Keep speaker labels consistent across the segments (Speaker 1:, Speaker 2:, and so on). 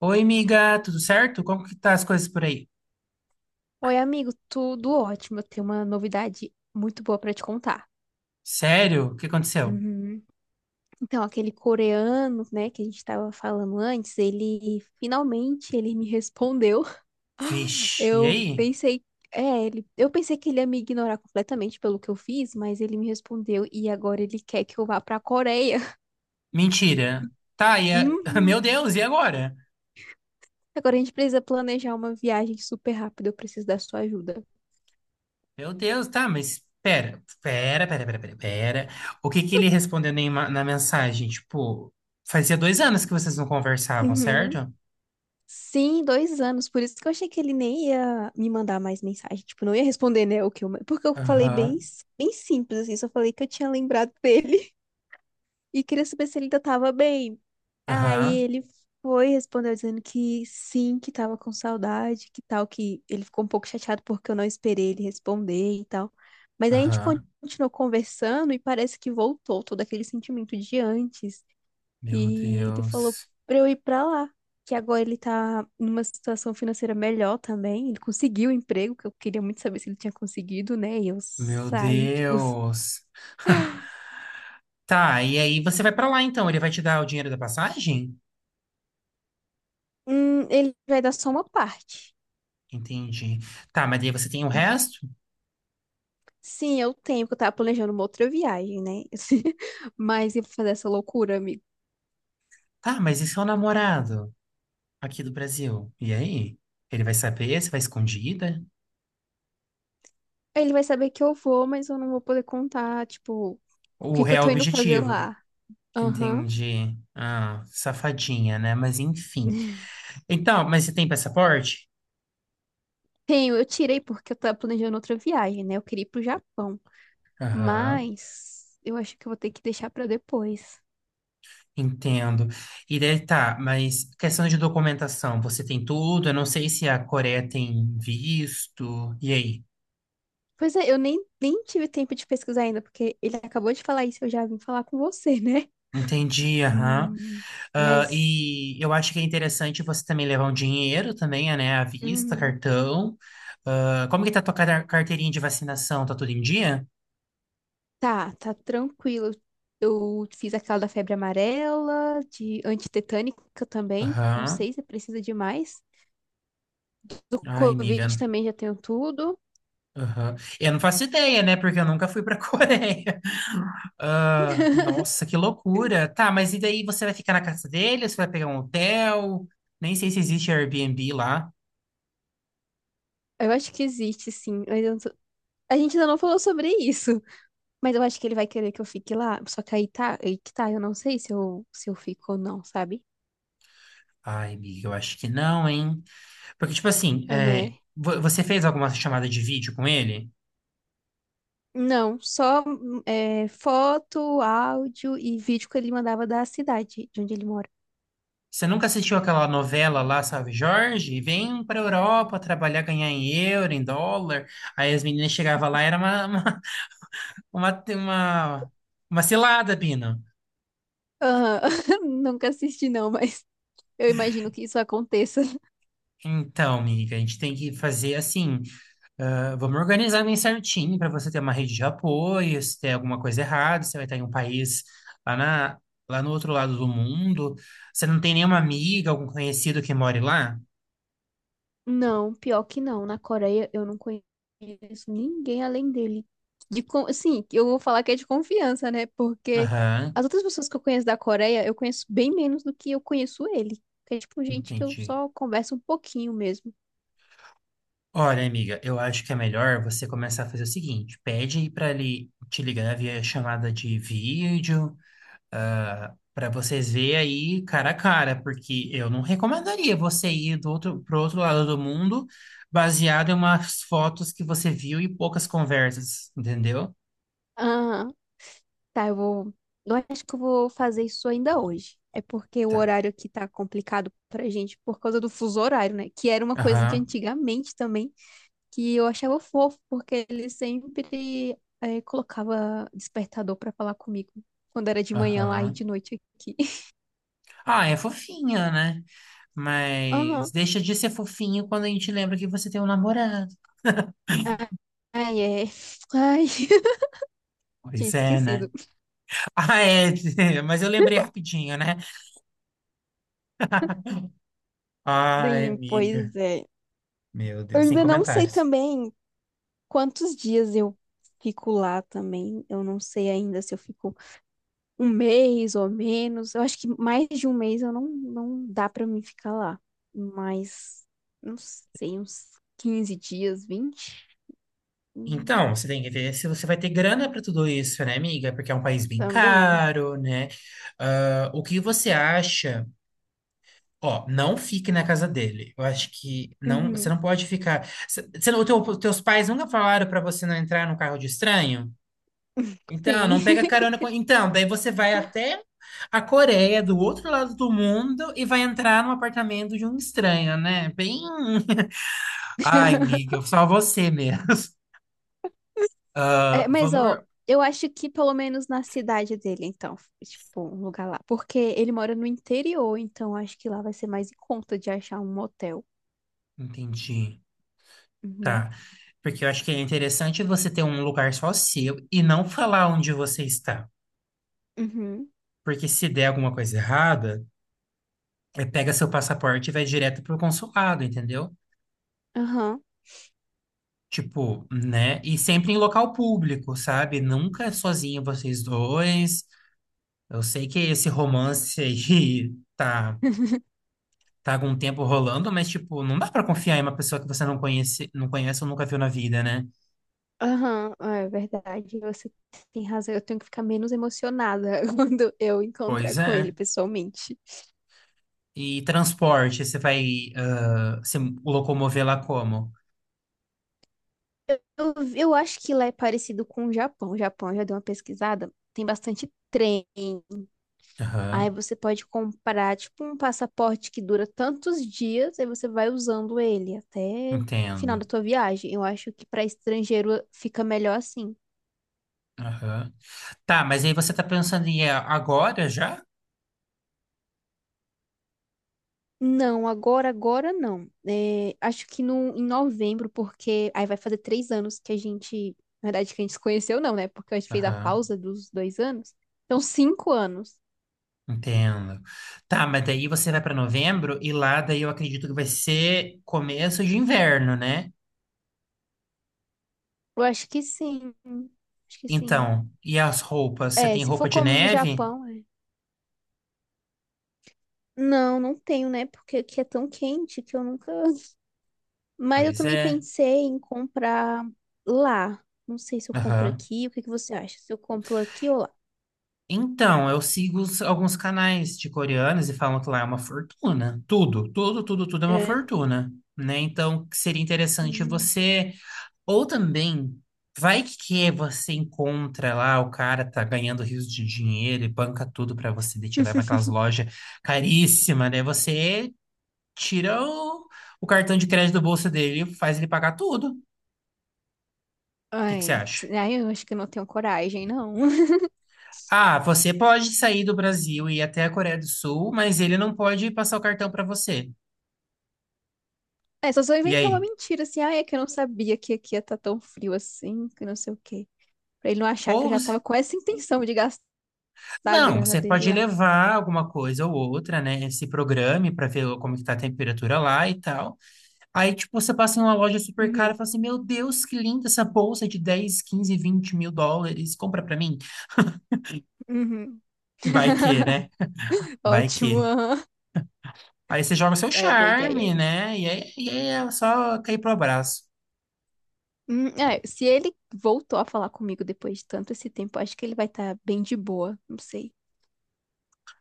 Speaker 1: Oi, amiga, tudo certo? Como que tá as coisas por aí?
Speaker 2: Oi, amigo, tudo ótimo. Eu tenho uma novidade muito boa pra te contar.
Speaker 1: Sério? O que aconteceu?
Speaker 2: Uhum. Então, aquele coreano, né, que a gente tava falando antes, ele finalmente ele me respondeu.
Speaker 1: Vixe, e
Speaker 2: Eu
Speaker 1: aí?
Speaker 2: pensei, eu pensei que ele ia me ignorar completamente pelo que eu fiz, mas ele me respondeu e agora ele quer que eu vá pra Coreia.
Speaker 1: Mentira. Tá, e a... Meu
Speaker 2: Uhum.
Speaker 1: Deus, e agora?
Speaker 2: Agora a gente precisa planejar uma viagem super rápida. Eu preciso da sua ajuda.
Speaker 1: Meu Deus, tá, mas pera, pera, pera, pera, pera, pera. O que que ele respondeu na mensagem? Tipo, fazia 2 anos que vocês não conversavam,
Speaker 2: Uhum.
Speaker 1: certo?
Speaker 2: Sim, 2 anos. Por isso que eu achei que ele nem ia me mandar mais mensagem. Tipo, não ia responder, né? O que eu... Porque eu falei
Speaker 1: Aham,
Speaker 2: bem, bem simples, assim. Só falei que eu tinha lembrado dele e queria saber se ele ainda tava bem. Aí
Speaker 1: aham,
Speaker 2: ele foi, respondeu dizendo que sim, que tava com saudade, que tal, que ele ficou um pouco chateado porque eu não esperei ele responder e tal. Mas aí a gente
Speaker 1: aham.
Speaker 2: continuou conversando e parece que voltou todo aquele sentimento de antes.
Speaker 1: Meu
Speaker 2: E ele falou
Speaker 1: Deus,
Speaker 2: pra eu ir pra lá, que agora ele tá numa situação financeira melhor também. Ele conseguiu o emprego, que eu queria muito saber se ele tinha conseguido, né? E eu
Speaker 1: meu
Speaker 2: saí, tipo,
Speaker 1: Deus. Tá, e aí você vai pra lá então? Ele vai te dar o dinheiro da passagem?
Speaker 2: ele vai dar só uma parte.
Speaker 1: Entendi. Tá, mas daí você tem o
Speaker 2: Hum.
Speaker 1: resto?
Speaker 2: Sim, eu tenho, porque eu tava planejando uma outra viagem, né? Mas ia fazer essa loucura, amigo.
Speaker 1: Tá, mas e seu namorado aqui do Brasil? E aí? Ele vai saber? Você vai escondida?
Speaker 2: Aí ele vai saber que eu vou, mas eu não vou poder contar, tipo, o
Speaker 1: O
Speaker 2: que que eu
Speaker 1: real
Speaker 2: tô indo fazer
Speaker 1: objetivo.
Speaker 2: lá. Aham.
Speaker 1: Entendi. Ah, safadinha, né? Mas enfim. Então, mas você tem passaporte?
Speaker 2: Tenho, eu tirei porque eu tava planejando outra viagem, né? Eu queria ir pro Japão.
Speaker 1: Aham,
Speaker 2: Mas eu acho que eu vou ter que deixar pra depois.
Speaker 1: entendo. E daí tá, mas questão de documentação, você tem tudo? Eu não sei se a Coreia tem visto. E aí?
Speaker 2: Pois é, eu nem tive tempo de pesquisar ainda, porque ele acabou de falar isso, eu já vim falar com você, né?
Speaker 1: Entendi, aham.
Speaker 2: Hum,
Speaker 1: Ah,
Speaker 2: mas
Speaker 1: e eu acho que é interessante você também levar um dinheiro também, né? À vista,
Speaker 2: uhum.
Speaker 1: cartão. Ah, como que tá a carteirinha de vacinação? Tá tudo em dia?
Speaker 2: Tá, tá tranquilo. Eu fiz aquela da febre amarela, de antitetânica também. Não
Speaker 1: Aham.
Speaker 2: sei se precisa de mais. Do
Speaker 1: Ai, amiga.
Speaker 2: Covid também já tenho tudo.
Speaker 1: Aham. Eu não faço ideia, né? Porque eu nunca fui pra Coreia. Ah, nossa, que loucura. Tá, mas e daí você vai ficar na casa dele? Você vai pegar um hotel? Nem sei se existe Airbnb lá.
Speaker 2: Eu acho que existe, sim. mas eu não sou- A gente ainda não falou sobre isso. Mas eu acho que ele vai querer que eu fique lá. Só que aí tá, aí que tá, eu não sei se eu fico ou não, sabe?
Speaker 1: Ai, amiga, eu acho que não, hein? Porque, tipo assim,
Speaker 2: É,
Speaker 1: é,
Speaker 2: né?
Speaker 1: você fez alguma chamada de vídeo com ele?
Speaker 2: Não, só é, foto, áudio e vídeo que ele mandava da cidade de onde ele mora.
Speaker 1: Você nunca assistiu aquela novela lá, sabe, Jorge? Vem pra Europa trabalhar, ganhar em euro, em dólar. Aí as meninas chegavam lá, era uma, uma, uma cilada, Pino.
Speaker 2: Aham. Nunca assisti, não, mas eu imagino que isso aconteça.
Speaker 1: Então, amiga, a gente tem que fazer assim. Ah, vamos organizar bem certinho para você ter uma rede de apoio. Se tem alguma coisa errada, você vai estar em um país lá, na, lá no outro lado do mundo. Você não tem nenhuma amiga, algum conhecido que more lá?
Speaker 2: Não, pior que não. Na Coreia eu não conheço ninguém além dele. De, assim, eu vou falar que é de confiança, né? Porque
Speaker 1: Aham,
Speaker 2: as outras pessoas que eu conheço da Coreia, eu conheço bem menos do que eu conheço ele. Que é tipo gente que eu
Speaker 1: entendi.
Speaker 2: só converso um pouquinho mesmo.
Speaker 1: Olha, amiga, eu acho que é melhor você começar a fazer o seguinte: pede para ele te ligar via chamada de vídeo, para vocês verem aí cara a cara, porque eu não recomendaria você ir pro outro lado do mundo baseado em umas fotos que você viu e poucas conversas, entendeu?
Speaker 2: Ah, tá, eu vou. Eu acho que eu vou fazer isso ainda hoje. É porque o
Speaker 1: Tá.
Speaker 2: horário aqui tá complicado pra gente por causa do fuso horário, né? Que era uma coisa de
Speaker 1: Aham,
Speaker 2: antigamente também. Que eu achava fofo, porque ele sempre colocava despertador pra falar comigo. Quando era de manhã lá e
Speaker 1: aham.
Speaker 2: de noite aqui.
Speaker 1: Ah, é fofinha, né? Mas
Speaker 2: Aham.
Speaker 1: deixa de ser fofinho quando a gente lembra que você tem um namorado.
Speaker 2: Ai, ai, é. Ai, tinha
Speaker 1: Pois é, né?
Speaker 2: esquecido.
Speaker 1: Ah, é, mas eu lembrei rapidinho, né? Ai,
Speaker 2: Sim,
Speaker 1: amiga.
Speaker 2: pois é.
Speaker 1: Meu
Speaker 2: Eu
Speaker 1: Deus, sem
Speaker 2: ainda não sei
Speaker 1: comentários.
Speaker 2: também quantos dias eu fico lá também. Eu não sei ainda se eu fico um mês ou menos. Eu acho que mais de um mês eu não dá pra mim ficar lá. Mas, não sei, uns 15 dias, 20.
Speaker 1: Então, você tem que ver se você vai ter grana para tudo isso, né, amiga? Porque é um país bem
Speaker 2: Também.
Speaker 1: caro, né? Ah, o que você acha? Ó, não fique na casa dele. Eu acho que não, você
Speaker 2: Uhum.
Speaker 1: não pode ficar. Você os teus pais nunca falaram para você não entrar no carro de estranho? Então, não
Speaker 2: Sim.
Speaker 1: pega carona com. Então, daí você vai até a Coreia, do outro lado do mundo, e vai entrar no apartamento de um estranho, né? Bem. Ai, amiga, só você mesmo.
Speaker 2: É,
Speaker 1: Ah,
Speaker 2: mas, ó,
Speaker 1: vamos.
Speaker 2: eu acho que pelo menos na cidade dele, então, tipo, um lugar lá. Porque ele mora no interior, então acho que lá vai ser mais em conta de achar um motel.
Speaker 1: Entendi.
Speaker 2: Uhum.
Speaker 1: Tá. Porque eu acho que é interessante você ter um lugar só seu e não falar onde você está.
Speaker 2: Uhum.
Speaker 1: Porque se der alguma coisa errada, é pega seu passaporte e vai direto pro consulado, entendeu?
Speaker 2: Aham.
Speaker 1: Tipo, né? E sempre em local público, sabe? Nunca é sozinho vocês dois. Eu sei que esse romance aí tá, tá algum tempo rolando, mas, tipo, não dá pra confiar em uma pessoa que você não conhece, não conhece ou nunca viu na vida, né?
Speaker 2: Aham, é verdade, você tem razão. Eu tenho que ficar menos emocionada quando eu encontrar
Speaker 1: Pois
Speaker 2: com ele
Speaker 1: é.
Speaker 2: pessoalmente.
Speaker 1: E transporte, você vai, ah, se locomover lá como?
Speaker 2: Eu acho que lá é parecido com o Japão. O Japão, eu já dei uma pesquisada, tem bastante trem. Aí
Speaker 1: Aham,
Speaker 2: você pode comprar, tipo, um passaporte que dura tantos dias, aí você vai usando ele até o final da
Speaker 1: entendo.
Speaker 2: tua viagem. Eu acho que para estrangeiro fica melhor assim.
Speaker 1: Aham. Tá, mas aí você tá pensando em ir agora já?
Speaker 2: Não, agora, agora não. É, acho que no, em novembro, porque aí vai fazer 3 anos que a gente, na verdade, que a gente se conheceu, não, né? Porque a gente fez a
Speaker 1: Aham.
Speaker 2: pausa dos 2 anos. Então, 5 anos.
Speaker 1: Entendo. Tá, mas daí você vai para novembro e lá daí eu acredito que vai ser começo de inverno, né?
Speaker 2: Eu acho que sim. Acho que sim.
Speaker 1: Então, e as roupas? Você
Speaker 2: É,
Speaker 1: tem
Speaker 2: se
Speaker 1: roupa
Speaker 2: for
Speaker 1: de
Speaker 2: como no
Speaker 1: neve?
Speaker 2: Japão, é. Não, não tenho, né? Porque aqui é tão quente que eu nunca... Mas eu
Speaker 1: Pois
Speaker 2: também
Speaker 1: é.
Speaker 2: pensei em comprar lá. Não sei se eu compro
Speaker 1: Aham.
Speaker 2: aqui. O que que você acha? Se eu compro aqui ou lá?
Speaker 1: Então, eu sigo alguns canais de coreanos e falam que lá é uma fortuna. Tudo, tudo, tudo, tudo é uma
Speaker 2: É.
Speaker 1: fortuna, né? Então, seria interessante
Speaker 2: Hum.
Speaker 1: você Ou também, vai que você encontra lá, o cara tá ganhando rios de dinheiro e banca tudo pra você, daí te leva aquelas lojas caríssimas, né? Você tira o cartão de crédito do bolso dele e faz ele pagar tudo. O que que você
Speaker 2: Ai,
Speaker 1: acha?
Speaker 2: ai, eu acho que eu não tenho coragem, não.
Speaker 1: Ah, você pode sair do Brasil e ir até a Coreia do Sul, mas ele não pode passar o cartão pra você.
Speaker 2: É, só se eu
Speaker 1: E
Speaker 2: inventar uma
Speaker 1: aí?
Speaker 2: mentira, assim, ai, é que eu não sabia que aqui ia estar tão frio assim, que não sei o quê. Pra ele não achar que eu
Speaker 1: Ou
Speaker 2: já tava
Speaker 1: você-
Speaker 2: com essa intenção de gastar a
Speaker 1: não,
Speaker 2: grana
Speaker 1: você
Speaker 2: dele
Speaker 1: pode
Speaker 2: lá.
Speaker 1: levar alguma coisa ou outra, né? Se programe para ver como que tá a temperatura lá e tal. Aí, tipo, você passa em uma loja super cara
Speaker 2: Uhum,
Speaker 1: e fala assim: Meu Deus, que linda essa bolsa de US$ 10, 15, 20 mil. Compra pra mim.
Speaker 2: uhum.
Speaker 1: Vai que, né? Vai
Speaker 2: Ótimo,
Speaker 1: que.
Speaker 2: aham.
Speaker 1: Aí você joga seu
Speaker 2: É, boa ideia.
Speaker 1: charme, né? E aí é só cair pro abraço.
Speaker 2: É, se ele voltou a falar comigo depois de tanto esse tempo, acho que ele vai estar bem de boa, não sei.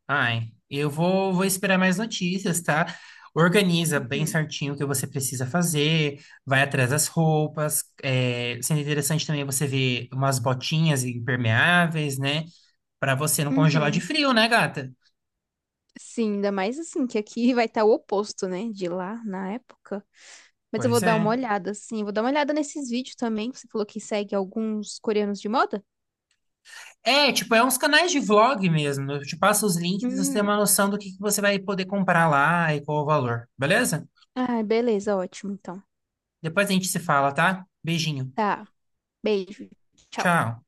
Speaker 1: Ai, eu vou esperar mais notícias, tá? Organiza bem
Speaker 2: Uhum.
Speaker 1: certinho o que você precisa fazer, vai atrás das roupas. É, sendo interessante também você ver umas botinhas impermeáveis, né? Pra você não congelar de
Speaker 2: Uhum.
Speaker 1: frio, né, gata?
Speaker 2: Sim, ainda mais assim, que aqui vai estar o oposto, né, de lá na época. Mas eu vou
Speaker 1: Pois
Speaker 2: dar uma
Speaker 1: é.
Speaker 2: olhada, sim. Vou dar uma olhada nesses vídeos também. Você falou que segue alguns coreanos de moda?
Speaker 1: É, tipo, é uns canais de vlog mesmo. Eu te passo os links pra você ter
Speaker 2: Hum.
Speaker 1: uma noção do que você vai poder comprar lá e qual o valor, beleza?
Speaker 2: Ah, beleza, ótimo, então.
Speaker 1: Depois a gente se fala, tá? Beijinho.
Speaker 2: Tá, beijo. Tchau.
Speaker 1: Tchau.